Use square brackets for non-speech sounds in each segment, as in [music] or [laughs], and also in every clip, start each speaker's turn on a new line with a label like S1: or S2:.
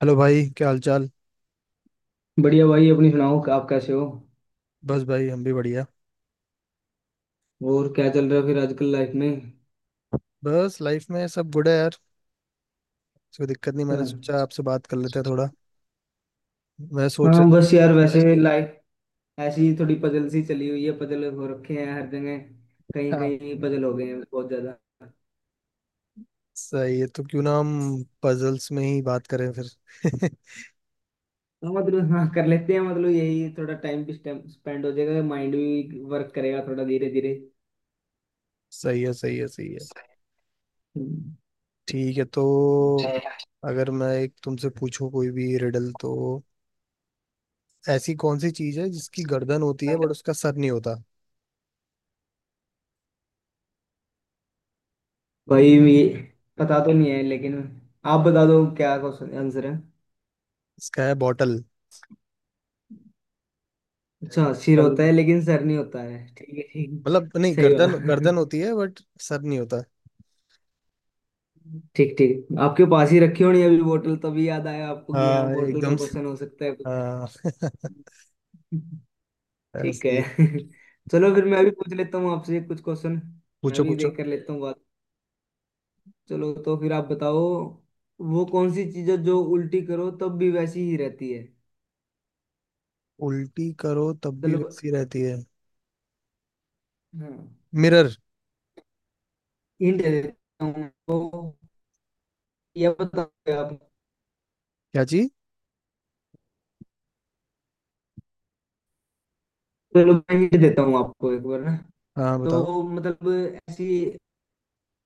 S1: Hello भाई क्या हाल चाल।
S2: बढ़िया भाई अपनी सुनाओ। आप कैसे हो?
S1: बस भाई हम भी बढ़िया।
S2: और क्या चल रहा है फिर आजकल लाइफ में?
S1: बस लाइफ में सब गुड है यार। कोई दिक्कत नहीं, मैंने सोचा
S2: हाँ,
S1: आपसे बात कर लेते हैं थोड़ा। मैं सोच
S2: हाँ,
S1: रहा
S2: बस
S1: था।
S2: यार वैसे लाइफ ऐसी ही थोड़ी पजल सी चली हुई है। पजल हो रखे हैं हर जगह।
S1: [laughs]
S2: कहीं
S1: हाँ,
S2: कहीं पजल हो गए हैं बहुत ज्यादा।
S1: सही है, तो क्यों ना हम पजल्स में ही बात करें फिर। [laughs]
S2: हाँ, मतलब हाँ कर लेते हैं। मतलब यही थोड़ा टाइम भी स्पेंड हो जाएगा, माइंड भी वर्क करेगा थोड़ा धीरे धीरे।
S1: सही है सही है सही है।
S2: हम्म।
S1: ठीक है, तो अगर मैं एक तुमसे पूछूं कोई भी रिडल, तो ऐसी कौन सी चीज है जिसकी गर्दन होती है बट उसका सर नहीं होता।
S2: भाई ये पता तो नहीं है लेकिन आप बता दो क्या क्वेश्चन आंसर है।
S1: इसका है बॉटल।
S2: अच्छा सिर
S1: बॉटल
S2: होता है लेकिन सर नहीं होता है। ठीक है, ठीक।
S1: मतलब नहीं,
S2: सही
S1: गर्दन गर्दन
S2: बात।
S1: होती है बट सर नहीं होता।
S2: [laughs] ठीक ठीक, आपके पास ही रखी होनी अभी बोतल, तभी याद आया आपको कि हाँ,
S1: हाँ
S2: बोतल का
S1: एकदम से।
S2: क्वेश्चन हो सकता है कुछ।
S1: हाँ। [laughs]
S2: ठीक
S1: ऐसे
S2: है।
S1: ही।
S2: [laughs] चलो फिर मैं भी पूछ लेता हूँ आपसे कुछ क्वेश्चन। मैं
S1: पूछो
S2: भी
S1: पूछो।
S2: देख कर लेता हूँ बात। चलो तो फिर आप बताओ, वो कौन सी चीज़ है जो उल्टी करो तब भी वैसी ही रहती है।
S1: उल्टी करो तब भी
S2: चलो।
S1: वैसी रहती है।
S2: हाँ,
S1: मिरर।
S2: हिंट दे देता हूँ आपको, या बताओ आप।
S1: क्या चीज।
S2: चलो मैं हिंट देता हूँ आपको एक बार ना।
S1: हाँ बताओ।
S2: तो मतलब ऐसी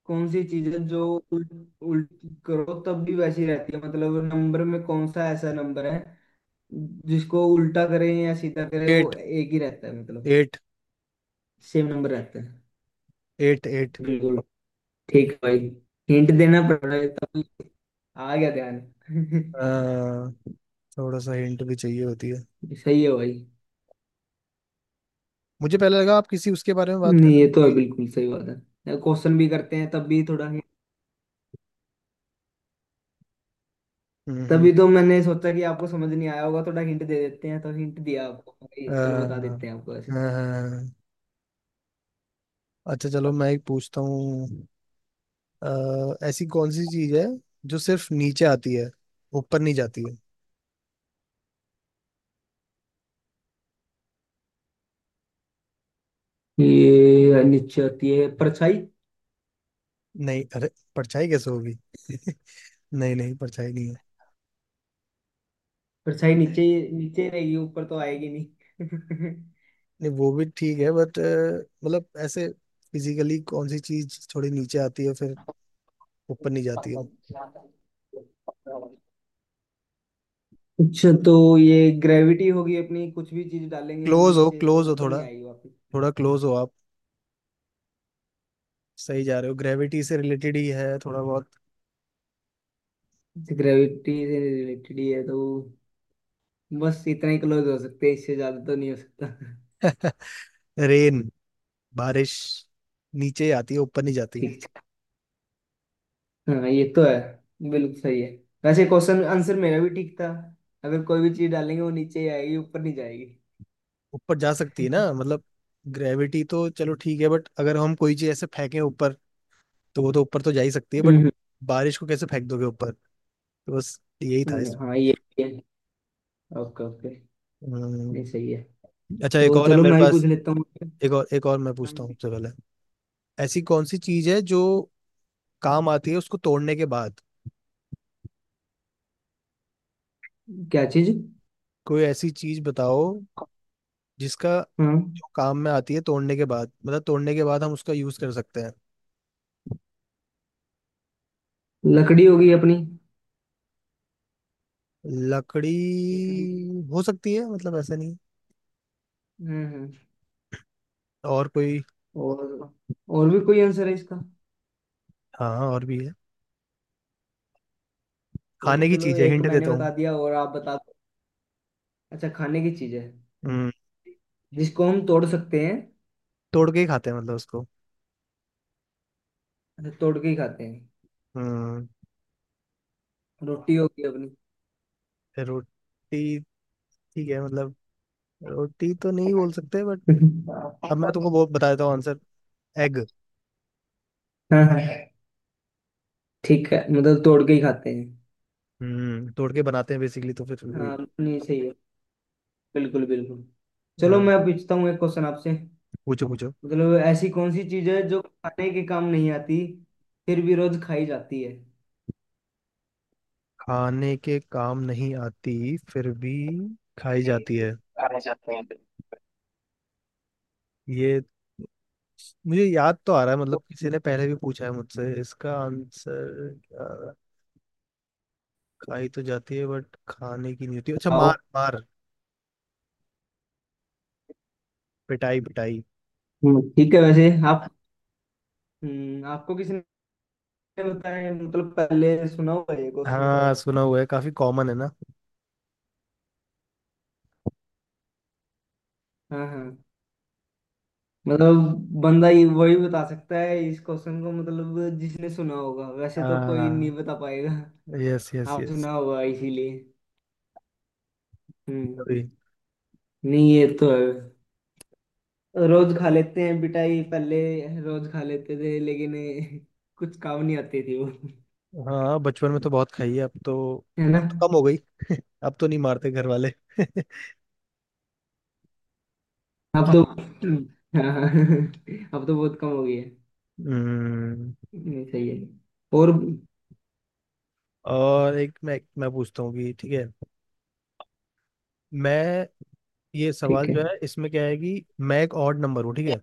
S2: कौन सी चीज है जो उल्ट उल्ट करो तब भी वैसी रहती है। मतलब नंबर में कौन सा ऐसा नंबर है जिसको उल्टा करें या सीधा करें वो
S1: एट।
S2: एक ही रहता है, मतलब
S1: एट।
S2: सेम नंबर रहता है।
S1: Eight eight.
S2: बिल्कुल। ठीक है भाई, हिंट देना पड़ रहा है, तब आ गया ध्यान। [laughs]
S1: थोड़ा सा हिंट भी चाहिए होती है।
S2: सही है भाई।
S1: मुझे पहले लगा आप किसी उसके बारे में बात कर
S2: नहीं, ये तो है,
S1: रहे हो।
S2: बिल्कुल सही बात है, क्वेश्चन भी करते हैं तब भी थोड़ा हिंट।
S1: हम्म।
S2: तभी तो मैंने सोचा कि आपको समझ नहीं आया होगा, थोड़ा हिंट दे देते हैं। तो हिंट दिया आपको भाई, चलो बता
S1: अ,
S2: देते हैं आपको ऐसे।
S1: अ, अच्छा, चलो मैं एक पूछता हूँ। ऐसी कौन सी चीज है जो सिर्फ नीचे आती है, ऊपर नहीं जाती है।
S2: ये नीचे आती है परछाई।
S1: नहीं अरे, परछाई कैसे होगी। [laughs] नहीं नहीं, परछाई नहीं है।
S2: परछाई नीचे ही रहेगी, ऊपर तो आएगी नहीं। [laughs]
S1: नहीं, वो भी ठीक है बट मतलब ऐसे फिजिकली कौन सी चीज थोड़ी नीचे आती है फिर ऊपर नहीं जाती है।
S2: कुछ तो, ये ग्रेविटी होगी अपनी। कुछ भी चीज डालेंगे हम नीचे तो
S1: क्लोज हो
S2: ऊपर नहीं
S1: थोड़ा,
S2: आएगी वापस।
S1: थोड़ा क्लोज हो आप। सही जा रहे हो, ग्रेविटी से रिलेटेड ही है थोड़ा बहुत।
S2: ग्रेविटी से रिलेटेड ही है तो बस इतना ही क्लोज हो सकते हैं, इससे ज्यादा तो नहीं हो सकता।
S1: [laughs] रेन। बारिश। नीचे ही आती है ऊपर नहीं जाती।
S2: ठीक है, हाँ, ये तो है, बिल्कुल सही है। वैसे क्वेश्चन आंसर मेरा भी ठीक था, अगर कोई भी चीज डालेंगे वो नीचे ही आएगी, ऊपर नहीं जाएगी।
S1: ऊपर जा सकती है ना
S2: [laughs]
S1: मतलब। ग्रेविटी तो चलो ठीक है, बट अगर हम कोई चीज ऐसे फेंकें ऊपर तो वो तो ऊपर तो जा ही सकती है, बट
S2: हम्म।
S1: बारिश को कैसे फेंक दोगे ऊपर। तो बस यही था इस।
S2: हाँ ये, ओके ओके। नहीं
S1: अम्म,
S2: सही है।
S1: अच्छा, एक
S2: तो
S1: और है
S2: चलो
S1: मेरे
S2: मैं भी पूछ
S1: पास।
S2: लेता हूँ।
S1: एक और मैं पूछता हूँ सबसे पहले। ऐसी कौन सी चीज है जो काम आती है उसको तोड़ने के बाद।
S2: क्या चीज?
S1: कोई ऐसी चीज बताओ जिसका
S2: हाँ,
S1: जो काम में आती है तोड़ने के बाद, मतलब तोड़ने के बाद हम उसका यूज कर सकते हैं।
S2: लकड़ी होगी अपनी।
S1: लकड़ी
S2: लकड़ी।
S1: हो सकती है, मतलब ऐसा नहीं।
S2: हम्म।
S1: और कोई।
S2: और और भी कोई आंसर है इसका?
S1: हाँ और भी है।
S2: तो
S1: खाने की
S2: चलो
S1: चीज है,
S2: एक
S1: हिंट
S2: मैंने
S1: देता हूँ।
S2: बता दिया और आप बता दो। अच्छा खाने की चीज है,
S1: हम्म,
S2: जिसको हम तोड़ सकते हैं।
S1: तोड़ के ही खाते हैं मतलब उसको।
S2: अच्छा, तोड़ के ही खाते हैं।
S1: हम्म।
S2: रोटी होगी अपनी।
S1: रोटी। ठीक है मतलब, रोटी तो नहीं बोल सकते बट अब मैं तुमको बहुत बता देता हूँ आंसर। एग।
S2: हाँ हाँ, ठीक है, मतलब तोड़ के ही खाते हैं।
S1: हम्म, तोड़ के बनाते हैं बेसिकली तो फिर वही।
S2: हाँ, नहीं सही है, बिल्कुल बिल्कुल। चलो मैं
S1: हाँ,
S2: पूछता हूँ एक क्वेश्चन आपसे।
S1: पूछो पूछो।
S2: मतलब ऐसी कौन सी चीज है जो खाने के काम नहीं आती, फिर भी रोज खाई जाती है।
S1: खाने के काम नहीं आती फिर भी खाई जाती है।
S2: खाने जाते हैं।
S1: ये मुझे याद तो आ रहा है, मतलब किसी ने पहले भी पूछा है मुझसे इसका आंसर खाई तो जाती है बट खाने की नहीं होती। अच्छा,
S2: आओ।
S1: मार मार, पिटाई पिटाई।
S2: ठीक है। वैसे आप, आपको किसने बताया? मतलब पहले सुना हुआ है ये क्वेश्चन शायद।
S1: हाँ सुना हुआ है, काफी कॉमन है ना।
S2: हाँ हाँ, मतलब बंदा ये वही बता सकता है इस क्वेश्चन को, मतलब जिसने सुना होगा, वैसे तो कोई नहीं
S1: हाँ,
S2: बता पाएगा।
S1: यस यस
S2: आप
S1: यस।
S2: सुना होगा इसीलिए। हम्म।
S1: अभी।
S2: नहीं ये तो है, रोज खा लेते हैं पिटाई पहले, रोज खा लेते थे लेकिन [laughs] कुछ काम नहीं आती थी वो। [laughs]
S1: हाँ, बचपन में तो बहुत खाई है,
S2: है ना।
S1: अब तो कम हो गई। [laughs] अब तो नहीं मारते घर वाले। [laughs]
S2: अब तो [laughs] हाँ हाँ, अब तो बहुत कम हो गई है।
S1: हम्म।
S2: नहीं सही है। और?
S1: और एक मैं पूछता हूँ कि ठीक है। मैं ये सवाल
S2: ठीक है,
S1: जो है इसमें क्या है कि मैं एक ऑड नंबर हूँ, ठीक है।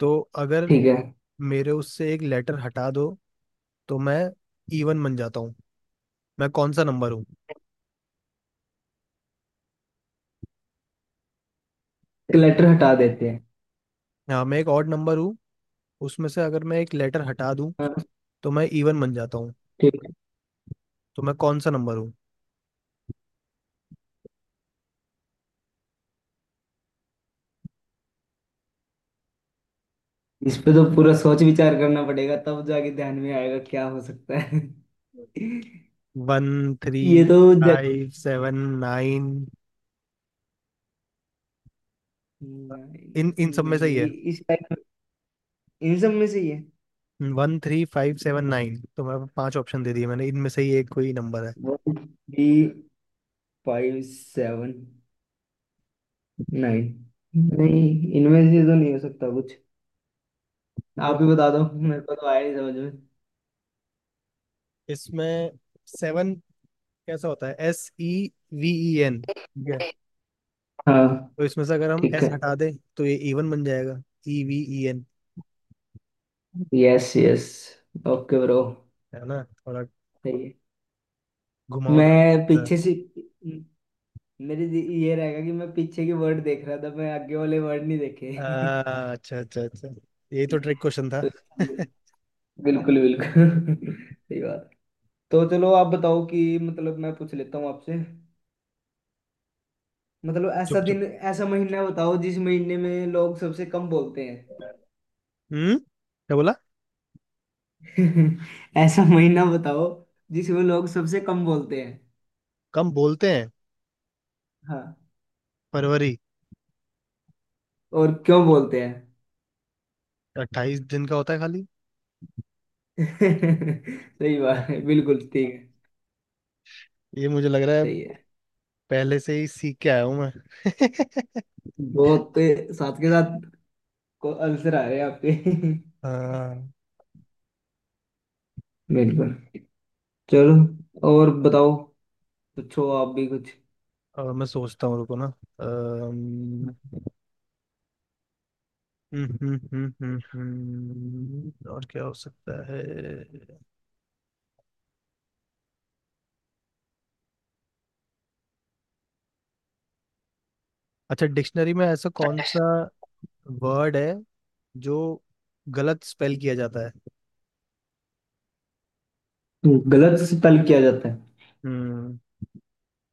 S1: तो अगर
S2: ठीक है।
S1: मेरे उससे एक लेटर हटा दो, तो मैं इवन बन जाता हूँ। मैं कौन सा नंबर हूँ।
S2: क्लटर हटा देते हैं।
S1: हाँ, मैं एक ऑड नंबर हूँ। उसमें से अगर मैं एक लेटर हटा दूँ
S2: हाँ।
S1: तो मैं इवन बन जाता हूँ।
S2: ठीक है,
S1: तो मैं कौन सा नंबर हूँ।
S2: इस पे तो पूरा सोच विचार करना पड़ेगा तब जाके ध्यान में आएगा क्या हो सकता है। [laughs]
S1: वन थ्री
S2: ये तो ज-
S1: फाइव सेवन नाइन
S2: नहीं,
S1: इन इन सब में से ही
S2: नहीं,
S1: है।
S2: इस टाइप, इन सब में से ही है?
S1: One three five seven nine, तो मैं पांच ऑप्शन दे दिए मैंने, इनमें से ही एक कोई नंबर
S2: वो भी फाइव सेवन नाइन? नहीं, इनमें से तो नहीं हो सकता कुछ।
S1: है।
S2: आप ही बता दो, मेरे को तो आया नहीं समझ में।
S1: इसमें सेवन कैसा होता है, S E V E N, ठीक है।
S2: हाँ।
S1: तो इसमें से अगर हम
S2: ठीक
S1: S
S2: है।
S1: हटा दें, तो ये इवन बन जाएगा, E V E N।
S2: Yes yes, okay bro.
S1: है ना थोड़ा
S2: सही है।
S1: घुमावदार
S2: मैं
S1: question
S2: पीछे
S1: था।
S2: से, मेरे ये रहेगा कि मैं पीछे के वर्ड देख रहा था, मैं आगे वाले वर्ड नहीं देखे। [laughs]
S1: अच्छा अच्छा अच्छा। यही तो ट्रिक क्वेश्चन था।
S2: तो
S1: [laughs]
S2: बिल्कुल बिल्कुल [laughs] सही बात। तो चलो आप बताओ कि मतलब मैं पूछ लेता हूँ आपसे। मतलब ऐसा
S1: चुप चुप।
S2: दिन ऐसा महीना बताओ जिस महीने में लोग सबसे कम बोलते हैं।
S1: हम्म, क्या बोला।
S2: [laughs] ऐसा महीना बताओ जिसमें लोग सबसे कम बोलते हैं।
S1: कम बोलते हैं।
S2: हाँ।
S1: फरवरी।
S2: और क्यों बोलते हैं?
S1: 28 दिन का होता है खाली।
S2: [laughs] सही
S1: हाँ,
S2: बात है, बिल्कुल ठीक है।
S1: ये मुझे लग रहा है,
S2: सही है,
S1: पहले से ही सीख के आया हूँ मैं। [laughs]
S2: बहुत साथ के साथ को आंसर आ रहे हैं आपके।
S1: हाँ।
S2: [laughs] बिल्कुल। चलो और बताओ, पूछो आप भी कुछ।
S1: और मैं सोचता हूँ रुको ना। अम, और क्या हो सकता है। अच्छा, डिक्शनरी में ऐसा कौन सा वर्ड है जो गलत स्पेल किया जाता है।
S2: गलत से तलब किया जाता है?
S1: हम्म।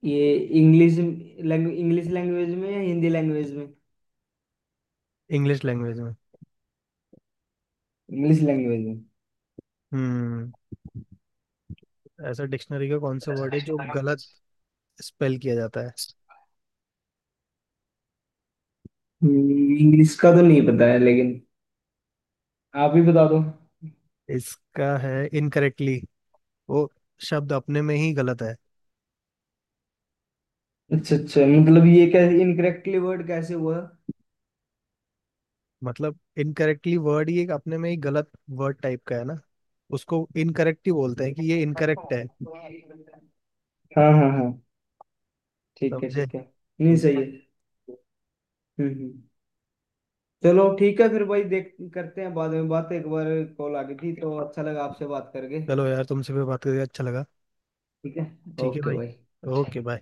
S2: ये इंग्लिश लैंग्वेज, इंग्लिश लैंग्वेज में या हिंदी लैंग्वेज में?
S1: इंग्लिश लैंग्वेज में।
S2: इंग्लिश लैंग्वेज में।
S1: हम्म। ऐसा डिक्शनरी का कौन सा वर्ड है जो गलत स्पेल किया जाता है।
S2: इंग्लिश का तो नहीं पता है लेकिन, आप ही बता दो।
S1: इसका है इनकरेक्टली। वो शब्द अपने में ही गलत है।
S2: अच्छा अच्छा, मतलब ये कैसे इनकरेक्टली वर्ड कैसे हुआ?
S1: मतलब इनकरेक्टली वर्ड ही एक अपने में ही गलत वर्ड टाइप का है ना, उसको इनकरेक्ट ही बोलते हैं कि ये इनकरेक्ट है।
S2: हाँ हाँ हाँ, ठीक है
S1: समझे।
S2: ठीक है, नहीं सही है। हम्म। चलो ठीक है फिर भाई, देख करते हैं बाद में बात एक बार। कॉल आ गई थी तो अच्छा लगा आपसे बात करके।
S1: चलो यार, तुमसे भी बात करके अच्छा लगा।
S2: ठीक है।
S1: ठीक है
S2: ओके
S1: भाई।
S2: भाई।
S1: Okay bye.